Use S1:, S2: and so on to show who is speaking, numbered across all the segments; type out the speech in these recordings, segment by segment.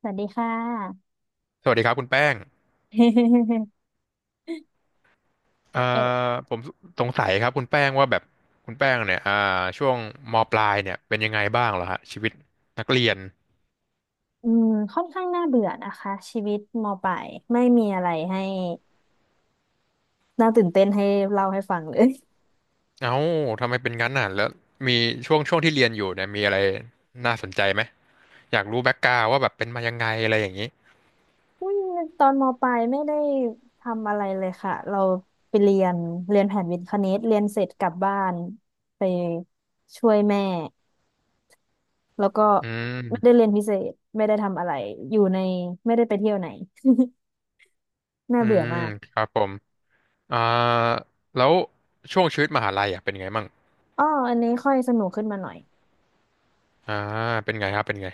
S1: สวัสดีค่ะ
S2: สวัสดีครับคุณแป้ง เอ่
S1: เออ
S2: อผมสงสัยครับคุณแป้งว่าแบบคุณแป้งเนี่ยช่วงมปลายเนี่ยเป็นยังไงบ้างเหรอฮะชีวิตนักเรียน
S1: อืมค่อนข้างน่าเบื่อนะคะชีวิตมปลายไม่มีอะไรให้น่าตื่นเต้นให้เล่าให้ฟังเลย
S2: เอ้าทำไมเป็นงั้นน่ะแล้วมีช่วงที่เรียนอยู่เนี่ยมีอะไรน่าสนใจไหมอยากรู้แบ็กกราวว่าแบบเป็นมายังไงอะไรอย่างนี้
S1: อืมตอนมปลายไม่ได้ทำอะไรเลยค่ะเราไปเรียนเรียนแผนวิทย์คณิตเรียนเสร็จกลับบ้านไปช่วยแม่แล้วก็
S2: อื
S1: ไม่ได้
S2: ม
S1: เรียนพิเศษไม่ได้ทำอะไรอยู่ในไม่ได้ไปเที่ยวไหน น่า
S2: อื
S1: เบื่อ
S2: ม
S1: มาก
S2: ครับผมอ่าแล้วช่วงชีวิตมหาลัยอ่ะเป็นไงมั่ง
S1: อ๋ออันนี้ค่อยสนุกขึ้นมาหน่อย
S2: อ่าเป็นไงครับเป็นไง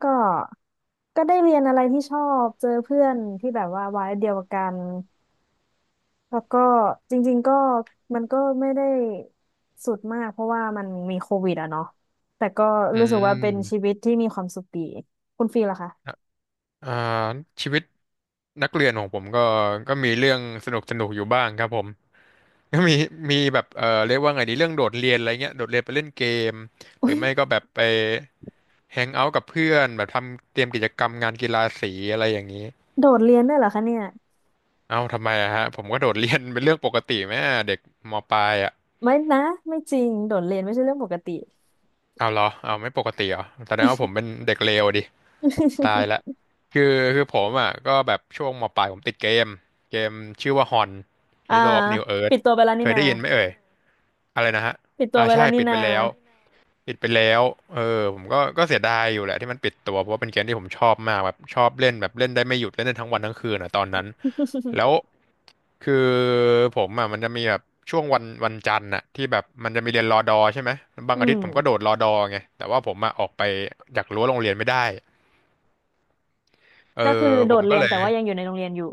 S1: ก็ได้เรียนอะไรที่ชอบเจอเพื่อนที่แบบว่าวัยเดียวกันแล้วก็จริงๆก็มันก็ไม่ได้สุดมากเพราะว่ามันมีโควิดอะเนาะแต่ก็
S2: อื
S1: รู้สึกว่าเป็นชีวิ
S2: ม
S1: ตที่มีความสุขดีคุณฟีลล่ะคะ
S2: อ่าชีวิตนักเรียนของผมก็มีเรื่องสนุกสนุกอยู่บ้างครับผม ก็มีแบบเรียกว่าไงดีเรื่องโดดเรียนอะไรเงี้ยโดดเรียนไปเล่นเกมหรือ
S1: อุ้ย
S2: ไม่ก็แบบไปแฮงเอาท์กับเพื่อนแบบทำเตรียมกิจกรรมงานกีฬาสีอะไรอย่างนี้
S1: โดดเรียนด้วยเหรอคะเนี่ย
S2: เอ้าทำไมอะฮะผมก็โดดเรียนเป็นเรื่องปกติไหมอะเด็กมปลายอะ
S1: ไม่นะไม่จริงโดดเรียนไม่ใช่เรื่องปกติ
S2: เอาเหรอเอาไม่ปกติเหรอแสดงว่าผมเป็นเด็กเลวดิ ตายละคือคือผมอ่ะก็แบบช่วงมปลายผมติดเกมชื่อว่าฮอน
S1: อ่า
S2: Hero of New
S1: ปิ
S2: Earth
S1: ดตัวไปแล้ว
S2: เค
S1: นี่
S2: ย
S1: นา
S2: ได้ยินไหมเอ่ยอะไรนะฮะ
S1: ปิดตัว
S2: อ่า
S1: ไป
S2: ใช่
S1: แล้วนี่
S2: ปิดไป
S1: นา
S2: แล้วปิดไปแล้วเออผมก็เสียดายอยู่แหละที่มันปิดตัวเพราะว่าเป็นเกมที่ผมชอบมากแบบชอบเล่นแบบเล่นได้ไม่หยุดเล่นได้ทั้งวันทั้งคืนอ่ะตอนนั้นแล้ว คือผมอ่ะมันจะมีแบบช่วงวันจันทร์อ่ะที่แบบมันจะมีเรียนรอดอใช่ไหมบาง
S1: อื
S2: อาทิตย์ผมก็โด
S1: ม
S2: ดรอดอไงแต่ว่าผมอ่ะออกไปจากรั้วโรงเรียนไม่ได้เออ
S1: ก็คือโด
S2: ผม
S1: ด
S2: ก็
S1: เรียน
S2: เลย
S1: แต่ว่ายังอยู่ในโรงเรียนอยู่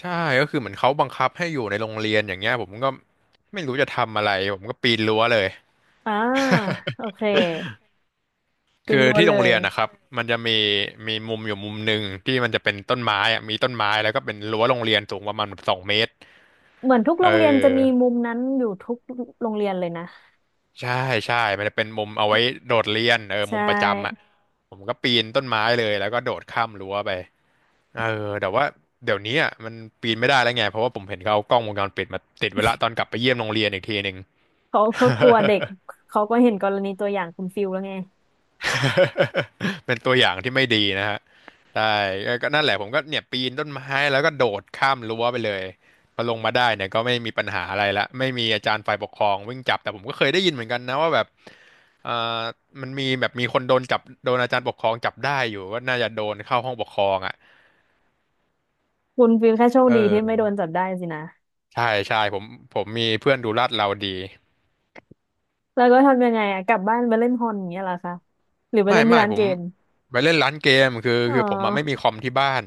S2: ใช่ก็คือเหมือนเขาบังคับให้อยู่ในโรงเรียนอย่างเงี้ยผมก็ไม่รู้จะทำอะไรผมก็ปีนรั้วเลย
S1: อ่าโอเค เป็น
S2: คือ
S1: รั้ว
S2: ที่
S1: เล
S2: โรง
S1: ย
S2: เรียนนะครับมันจะมีมุมอยู่มุมหนึ่งที่มันจะเป็นต้นไม้อะมีต้นไม้แล้วก็เป็นรั้วโรงเรียนสูงประมาณแบบ2 เมตร
S1: เหมือนทุก
S2: เ
S1: โรงเรียนจะมี
S2: ออ
S1: มุมนั้นอยู่ทุกโรงเรียนเลยนะ
S2: ใช่ใช่มันจะเป็นมุมเอาไว้โดดเรียนเออ
S1: ใช
S2: มุมประจำอ่ะ
S1: ่
S2: ผมก็ปีนต้นไม้เลยแล้วก็โดดข้ามรั้วไปเออแต่ว่าเดี๋ยวนี้อ่ะมันปีนไม่ได้แล้วไงเพราะว่าผมเห็นเขาเอากล้องวงจรปิดมาติดไว้ละตอนกลับไปเยี่ยมโรงเรียนอีกทีหนึ่ง
S1: เขากลัวเด็ก เขาก็เห็นกรณีตัวอย่างคุณฟิลแล้วไง
S2: เป็นตัวอย่างที่ไม่ดีนะฮะใช่ก็นั่นแหละผมก็เนี่ยปีนต้นไม้แล้วก็โดดข้ามรั้วไปเลยพอลงมาได้เนี่ยก็ไม่มีปัญหาอะไรละไม่มีอาจารย์ฝ่ายปกครองวิ่งจับแต่ผมก็เคยได้ยินเหมือนกันนะว่าแบบเอ่อมันมีแบบมีคนโดนจับโดนอาจารย์ปกครองจับได้อยู่ก็น่าจะโดนเข้าห้องปกครองอ่ะ
S1: คุณฟิลแค่โชค
S2: เอ
S1: ดีที่ไม่โด
S2: อ
S1: นจับได้สินะ
S2: ใช่ใช่ผมมีเพื่อนดูลาดเราดี
S1: แล้วก็ทำยังไงอะกลับบ้านไปเล่นฮอนอย่างเงี้ยเหรอคะหรือไป
S2: ไม่
S1: เล่นที่
S2: ไม่
S1: ร้าน
S2: ผ
S1: เก
S2: ม
S1: ม
S2: ไปเล่นร้านเกมคือ
S1: อ๋อ
S2: คือผมอ่ะไม่มีคอมที่บ้าน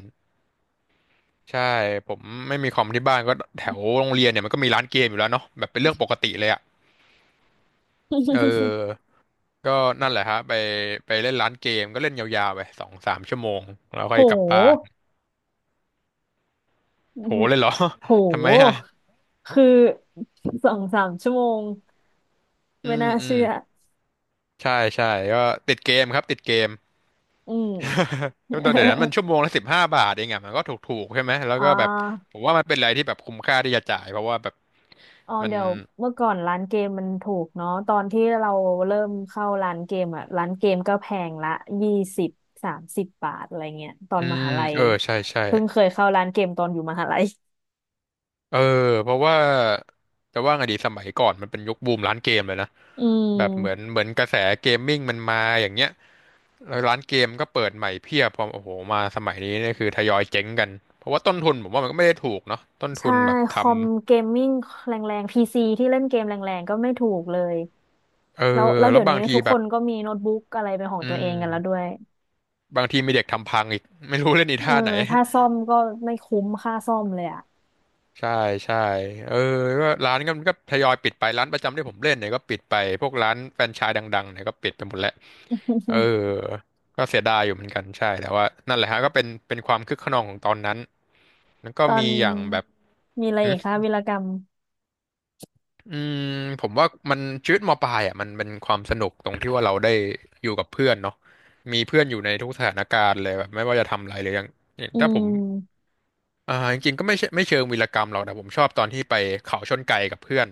S2: ใช่ผมไม่มีคอมที่บ้านก็แถวโรงเรียนเนี่ยมันก็มีร้านเกมอยู่แล้วเนาะแบบเป็นเรื่องปกติเลยอ่ะเอ อก็นั่นแหละฮะไปเล่นร้านเกมก็เล่นยาวๆไปสองสามชั่วโมงแล้วค่
S1: โห
S2: อยกลับบ้าน
S1: อื
S2: โห
S1: ม
S2: เลยเหรอ
S1: โห
S2: ทำไมฮะ
S1: คือสองสามชั่วโมง
S2: อื
S1: ไม่
S2: ม
S1: น่า
S2: อืม
S1: เชื่อ
S2: ใช่ใช่ก็ติดเกมครับติดเกม
S1: อืม
S2: เดี๋ยวนั้นมันชั่วโมงละ15 บาทเองอ่ะมันก็ถูกๆใช่ไหมแล้ ว
S1: อ๋อ
S2: ก็แบบผมว่ามันเป็นอะไรที่แบบคุ้มค่าที่จะจ่ายเพราะว่าแบบ
S1: อ๋อ
S2: มัน
S1: เดี๋ยวเมื่อก่อนร้านเกมมันถูกเนาะตอนที่เราเริ่มเข้าร้านเกมอ่ะร้านเกมก็แพงละยี่สิบสามสิบบาทอะไรเงี้ยตอน
S2: อื
S1: ม
S2: ม
S1: หาลัย
S2: เออใช่ใช่
S1: เพิ่งเคยเข้าร้านเกมตอนอยู่มหาลัย
S2: เออเพราะว่าจะว่าไงดีสมัยก่อนมันเป็นยุคบูมร้านเกมเลยนะ
S1: อืม
S2: แบบเหมือนกระแสเกมมิ่งมันมาอย่างเงี้ยแล้วร้านเกมก็เปิดใหม่เพียบพอโอ้โหมาสมัยนี้เนี่ยคือทยอยเจ๊งกันเพราะว่าต้นทุนผมว่ามันก็ไม่ได้ถูกเนาะต้นทุ
S1: ใช่
S2: นแบบ
S1: ค
S2: ทำ
S1: อมเกมมิ่งแรงๆพีซีที่เล่นเกมแรงๆก็ไม่ถูกเลย
S2: เอ
S1: แล้ว
S2: อ
S1: แล้ว
S2: แล้
S1: เดี๋
S2: ว
S1: ยว
S2: บา
S1: นี้
S2: งที
S1: ทุก
S2: แบ
S1: ค
S2: บ
S1: นก็มีโน้ตบุ๊กอะไรเป็นของ
S2: อื
S1: ตัวเอ
S2: ม
S1: งกันแล้วด้วย
S2: บางทีมีเด็กทำพังอีกไม่รู้เล่นอี
S1: เออ
S2: ท่าไหน
S1: ถ้าซ่อมก็ไม่คุ้มค่าซ่อมเลยอ่ะ
S2: ใช่ใช่เออก็ร้านก็มันก็ทยอยปิดไปร้านประจำที่ผมเล่นเนี่ยก็ปิดไปพวกร้านแฟรนไชส์ดังๆเนี่ยก็ปิดไปหมดแล้วเออ ก็เสียดายอยู่เหมือนกันใช่แต่ว่านั่นแหละฮะก็เป็นความคึกคะนองของตอนนั้นแล้วก็
S1: ตอน
S2: มีอย่างแบบ
S1: มีอะไร
S2: อื
S1: อีกคะ
S2: ม
S1: วีรกรรม
S2: อืมผมว่ามันชีวิตมปลายอ่ะมันเป็นความสนุกตรงที่ว่าเราได้อยู่กับเพื่อนเนาะมีเพื่อนอยู่ในทุกสถานการณ์เลยแบบไม่ว่าจะทำอะไรเลยอย่าง
S1: อื
S2: ถ้าผม
S1: ม
S2: จริงๆก็ไม่ใช่ไม่เชิงวีรกรรมหรอกแต่ผมชอบตอนที่ไปเขาชนไก่กับเพื่อน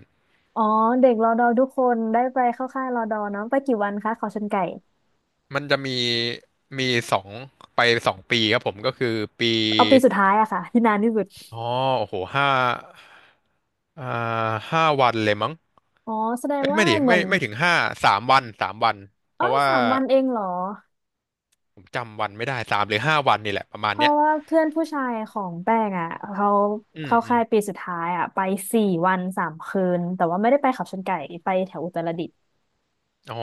S1: อ๋อเด็กรอดอทุกคนได้ไปเข้าค่ายรอดอเนาะไปกี่วันคะเขาชนไก่
S2: มันจะมีมีสองไปสองปีครับผมก็คือปี
S1: เอาปีสุดท้ายอะค่ะ ที่นานที่สุด
S2: อ๋อโอ้โหห้าอ่าห้าวันเลยมั้ง
S1: อ๋อแสดง
S2: เอ้ย
S1: ว่า
S2: ไม่ดิ
S1: เหมื
S2: ไม่
S1: อน
S2: ไม่ถึงห้าสามวันเพ
S1: อ๋อ
S2: ราะว่า
S1: สามวันเองเหรอ
S2: ผมจำวันไม่ได้สามหรือห้าวันนี่แหละประมาณ
S1: เพ
S2: เนี้
S1: ราะ
S2: ย
S1: ว่าเพื่อนผู้ชายของแป้งอะเขา
S2: อืม
S1: เข้า
S2: อื
S1: ค่า
S2: ม
S1: ยปีสุดท้ายอะไปสี่วันสามคืนแต่ว่าไม่ได้ไปเขาชนไก่ไปแถวอุตรดิตถ์
S2: อ๋อ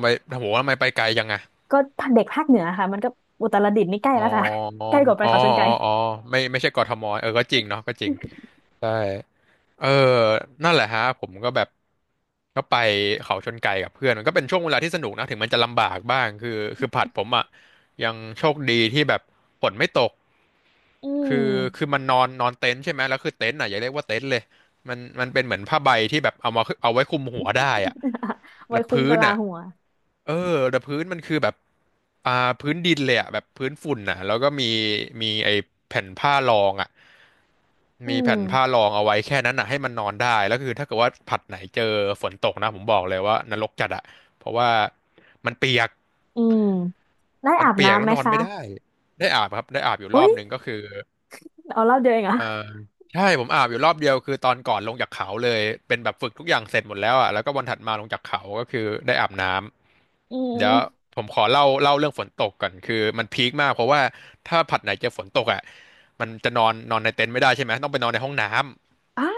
S2: ไปโอ้โหทำไมไปไกลจังอะ
S1: ก็เด็กภาคเหนือค่ะมันก็อุตรดิตถ์นี่ใกล้
S2: อ๋อ
S1: แล้วค่ะ ใกล้กว่าไป
S2: อ๋อ
S1: เขาชนไก่
S2: อ๋อ อ๋อ ไม่ใช่กทมเออก็จริงเนาะก็จริงใช่เออนั่นแหละฮะผมก็แบบก็ไปเขาชนไก่กับเพื่อนมันก็เป็นช่วงเวลาที่สนุกนะถึงมันจะลำบากบ้างคือผัดผมอ่ะยังโชคดีที่แบบฝนไม่ตก
S1: อืม
S2: คือคือมันนอนนอนเต็นท์ใช่ไหมแล้วคือเต็นท์อ่ะอย่าเรียกว่าเต็นท์เลย มันเป็นเหมือนผ้าใบที่แบบเอามาเอาไว้คลุมหัวได้อ่ะ
S1: ไว้
S2: แล้ว
S1: คุ้ม
S2: พื้
S1: กะ
S2: น
S1: ลา
S2: อ่ะ
S1: หัว
S2: เออแต่พื้นมันคือแบบอ่าพื้นดินเลยอ่ะแบบพื้นฝุ่นอ่ะแล้วก็มีมีไอ้แผ่นผ้ารองอ่ะ
S1: อื
S2: มี
S1: ม
S2: แผ่นผ้ารองเอาไว้แค่นั้นอ่ะให้มันนอนได้ แล้วคือถ้าเกิดว่าผัดไหนเจอฝนตกนะผมบอกเลยว่านรกจัดอะเพราะว่ามันเปียก
S1: อืมได้
S2: มัน
S1: อาบ
S2: เปียก
S1: น้ำ
S2: แล้
S1: ไห
S2: ว
S1: ม
S2: นอน
S1: คะ
S2: ไม่ได้ ได้อาบครับได้อาบอยู่ร
S1: อุ๊
S2: อ
S1: ย
S2: บนึงก็คือ
S1: เอารอบเดียวเองเหรอ่ะ
S2: เออใช่ผมอาบอยู่รอบเดียวคือตอนก่อนลงจากเขาเลยเป็นแบบฝึกทุกอย่างเสร็จหมดแล้วอ่ะแล้วก็วันถัดมาลงจากเขาก็คือได้อาบน้
S1: อื
S2: ำเดี๋
S1: ม
S2: ยวผมขอเล่าเรื่องฝนตกก่อนคือมันพีคมากเพราะว่าถ้าผัดไหนเจอฝนตกอ่ะมันจะนอนนอนในเต็นท์ไม่ได้ใช่ไหมต้องไปนอนในห้องน้ำ
S1: อ่า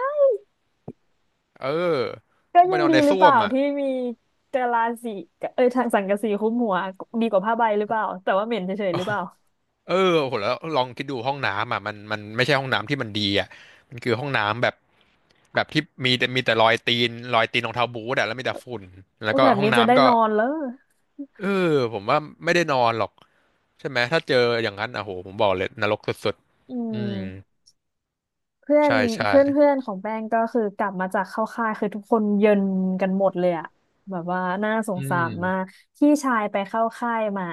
S2: เออ
S1: ก็
S2: ต้องไป
S1: ยัง
S2: นอน
S1: ดี
S2: ใน
S1: หรือ
S2: ส้
S1: เป
S2: ว
S1: ล่า
S2: มอ่ะ
S1: ที่มีกะลาสีเอ้ยทางสังกะสีคลุ้มหัวดีกว่าผ้าใบหรือเปล่าแต่ว่าเหม็นเฉยๆหรือเปล่า
S2: เออโหแล้วลองคิดดูห้องน้ำอ่ะมันไม่ใช่ห้องน้ำที่มันดีอ่ะมันคือห้องน้ำแบบแบบที่มีแต่รอยตีนรองเท้าบู๊ตอ่ะแล้วมีแต่ฝุ่นแล้ว
S1: ก็
S2: ก็
S1: แบบ
S2: ห้อง
S1: นี้จะได้
S2: น้ำก็
S1: นอนแล้ว
S2: เออผมว่าไม่ได้นอนหรอกใช่ไหมถ้าเจออย่างนั้นอ่ะโหผมบอกเลยนรกสุด
S1: อื
S2: ๆอืม
S1: มเพื่อน
S2: ใช่ใช่
S1: เพื่อนเพื่อนของแป้งก็คือกลับมาจากเข้าค่ายคือทุกคนเย็นกันหมดเลยอะแบบว่าน่าสง
S2: อื
S1: สา
S2: ม
S1: รมากพี่ชายไปเข้าค่ายมา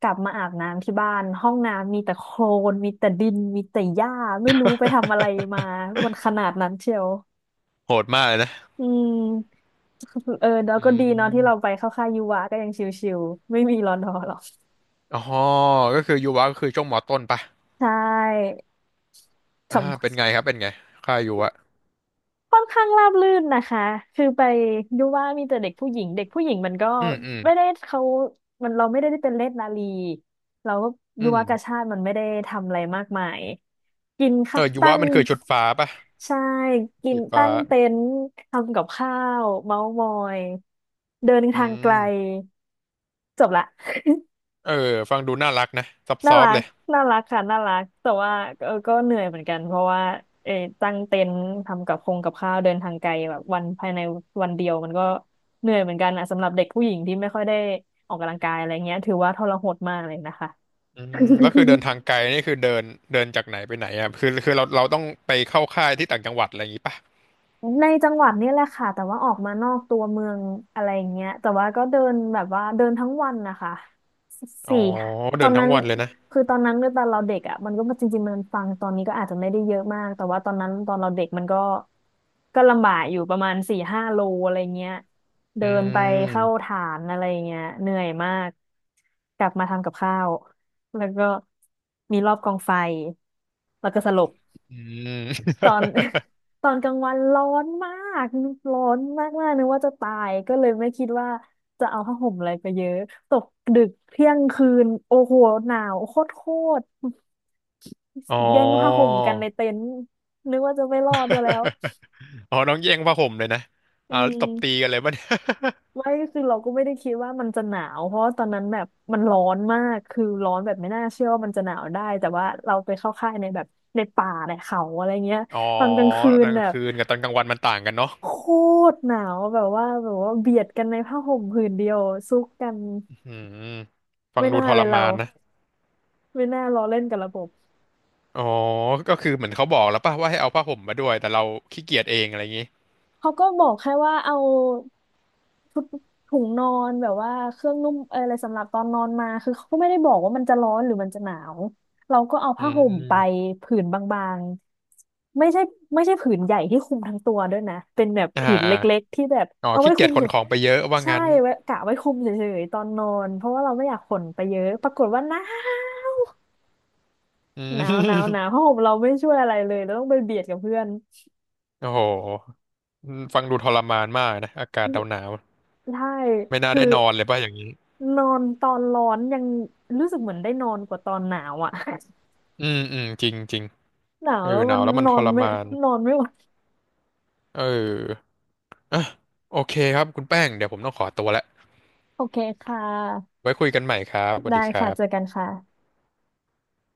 S1: กลับมาอาบน้ำที่บ้านห้องน้ำมีแต่โคลนมีแต่ดินมีแต่หญ้าไม่รู้ไปทำอะไรมามันขนาดนั้นเชียว
S2: โหดมากเลยนะ
S1: อืม เออแล้ว
S2: อื
S1: ก็ดีเนาะที่เราไป
S2: ม
S1: เข้าค่ายยูวาก็ยังชิวๆไม่มีรอนอหรอก
S2: อ๋อก็คือยูวะก็คือช่วงมอต้นปะ
S1: ใช่ขับ
S2: เป็นไงครับเป็นไงค่ายยูวะ
S1: ค่อนข้างราบรื่นนะคะคือไปยูว่ามีแต่เด็กผู้หญิงเด็กผู้หญิงมันก็
S2: อืมอืม
S1: ไม่ได้เขามันเราไม่ได้ได้เป็นเลศนาลีเราก็
S2: อื
S1: ยู
S2: ม
S1: วากาชาติมันไม่ได้ทำอะไรมากมายกิน
S2: เอ
S1: ค่ะ
S2: อยู
S1: ตั้
S2: วะ
S1: ง
S2: มันคือชุดฟ้าปะ
S1: ใช่กิ
S2: สี
S1: น
S2: ฟ้า
S1: ตั้งเต็นท์ทำกับข้าวเมาส์มอยเดิน
S2: อื
S1: ทางไกล
S2: ม
S1: จบละ
S2: เออฟังดูน่ารักนะซ
S1: น่า
S2: อฟ
S1: รั
S2: ๆเล
S1: ก
S2: ย
S1: น่ารักค่ะน่ารักแต่ว่าเออก็เหนื่อยเหมือนกัน เพราะว่าเออตั้งเต็นท์ทำกับคงกับข้าวเดินทางไกลแบบวันภายในวันเดียวมันก็เหนื่อยเหมือนกันอ่ะสำหรับเด็กผู้หญิงที่ไม่ค่อยได้ออกกำลังกายอะไรเงี้ยถือว่าทรหดมากเลยนะคะ
S2: อืมแล้วคือเดินทางไกล นี่คือเดินเดินจากไหนไปไหนอ่ะคือเราต้องไปเข้าค่ายที่ต่างจังหวัดอะไรอย่างงี้ปะ
S1: ในจังหวัดนี่แหละค่ะแต่ว่าออกมานอกตัวเมืองอะไรอย่างเงี้ยแต่ว่าก็เดินแบบว่าเดินทั้งวันนะคะ
S2: อ๋อ
S1: สี่ค่ะต
S2: เดิ
S1: อ
S2: น
S1: น
S2: ทั้
S1: นั้
S2: ง
S1: น
S2: วันเลยนะ
S1: คือตอนนั้นด้วยตอนเราเด็กอ่ะมันก็จริงๆมันฟังตอนนี้ก็อาจจะไม่ได้เยอะมากแต่ว่าตอนนั้นตอนเราเด็กมันก็ลำบากอยู่ประมาณสี่ห้าโลอะไรเงี้ย
S2: อื
S1: เดินไปเข้า
S2: ม
S1: ฐานอะไรเงี้ยเหนื่อยมากกลับมาทำกับข้าวแล้วก็มีรอบกองไฟแล้วก็สลบ
S2: อืม
S1: ตอน ตอนกลางวันร้อนมากร้อนมากมากนึกว่าจะตายก็เลยไม่คิดว่าจะเอาผ้าห่มอะไรไปเยอะตกดึกเที่ยงคืนโอ้โหหนาวโคตรโคตร
S2: อ๋อ
S1: แย่งผ้าห่มกันในเต็นท์นึกว่าจะไม่รอดซะแล้ว
S2: อ๋อน้องแย่งผ้าห่มเลยนะ
S1: อื
S2: แล้ว
S1: ม
S2: ตบตีกันเลยป่ะเนี่ย
S1: ไม่คือเราก็ไม่ได้คิดว่ามันจะหนาวเพราะว่าตอนนั้นแบบมันร้อนมากคือร้อนแบบไม่น่าเชื่อว่ามันจะหนาวได้แต่ว่าเราไปเข้าค่ายในแบบในป่าในเขาอะไรเงี้ย
S2: อ๋อ
S1: ตอนกลางคื
S2: ต
S1: น
S2: อนก
S1: แบ
S2: ลาง
S1: บ
S2: คืนกับตอนกลางวันมันต่างกันเนาะ
S1: โคตรหนาวแบบว่าเบียดกันในผ้าห่มผืนเดียวซุกกัน
S2: อืมฟัง
S1: ไม่
S2: ดู
S1: น่า
S2: ท
S1: เล
S2: ร
S1: ยเรา
S2: มานนะ
S1: ไม่น่าล้อเล่นกับระบบ
S2: อ๋อก็คือเหมือนเขาบอกแล้วป่ะว่าให้เอาผ้าห่มมาด้วยแต่เราขี้เกียจเองอะไรอย่างงี้
S1: เขาก็บอกแค่ว่าเอาถุถุงนอนแบบว่าเครื่องนุ่มอะไรสำหรับตอนนอนมาคือเขาก็ไม่ได้บอกว่ามันจะร้อนหรือมันจะหนาวเราก็เอา
S2: อื
S1: ผ้าห่มไป
S2: ม
S1: ผืนบางๆไม่ใช่ผืนใหญ่ที่คลุมทั้งตัวด้วยนะเป็นแบบ
S2: อ่า
S1: ผืนเล
S2: อา
S1: ็กๆที่แบบ
S2: อ๋อ
S1: เอาไว้
S2: ขี้
S1: ค
S2: เกี
S1: ลุ
S2: ยจ
S1: ม
S2: ข
S1: เฉ
S2: น
S1: ย
S2: ของไปเยอะว่า
S1: ใช่
S2: งั้น
S1: ไว้กะไว้คลุมเฉยๆตอนนอนเพราะว่าเราไม่อยากขนไปเยอะปรากฏว่าหนาว
S2: อื
S1: หนาวหนาว
S2: ม
S1: ผ้าห่มเราไม่ช่วยอะไรเลยเราต้องไปเบียดกับเพื่อน
S2: โอ้โหอฟังดูทรมานมากนะอากาศหนาว
S1: ใช่
S2: ๆไม่น่า
S1: คือ
S2: ได้นอนเลยป่ะอย่างนี้
S1: นอนตอนร้อนยังรู้สึกเหมือนได้นอนกว่าตอนหนาวอ่ะ
S2: อืมอืมจริงจริง
S1: หนาว
S2: เออ
S1: แล้ว
S2: ห
S1: มั
S2: นาว
S1: น
S2: แล้วมั
S1: น
S2: น
S1: อ
S2: ท
S1: น
S2: ร
S1: ไม่
S2: มาน
S1: นอนไม่ไหว
S2: เอออ่ะโอเคครับคุณแป้งเดี๋ยวผมต้องขอตัวแล้ว
S1: โอเคค่ะ
S2: ไว้คุยกันใหม่ครับสวัส
S1: ได้
S2: ดีครั
S1: ค่ะเจอ
S2: บ
S1: กันค่ะ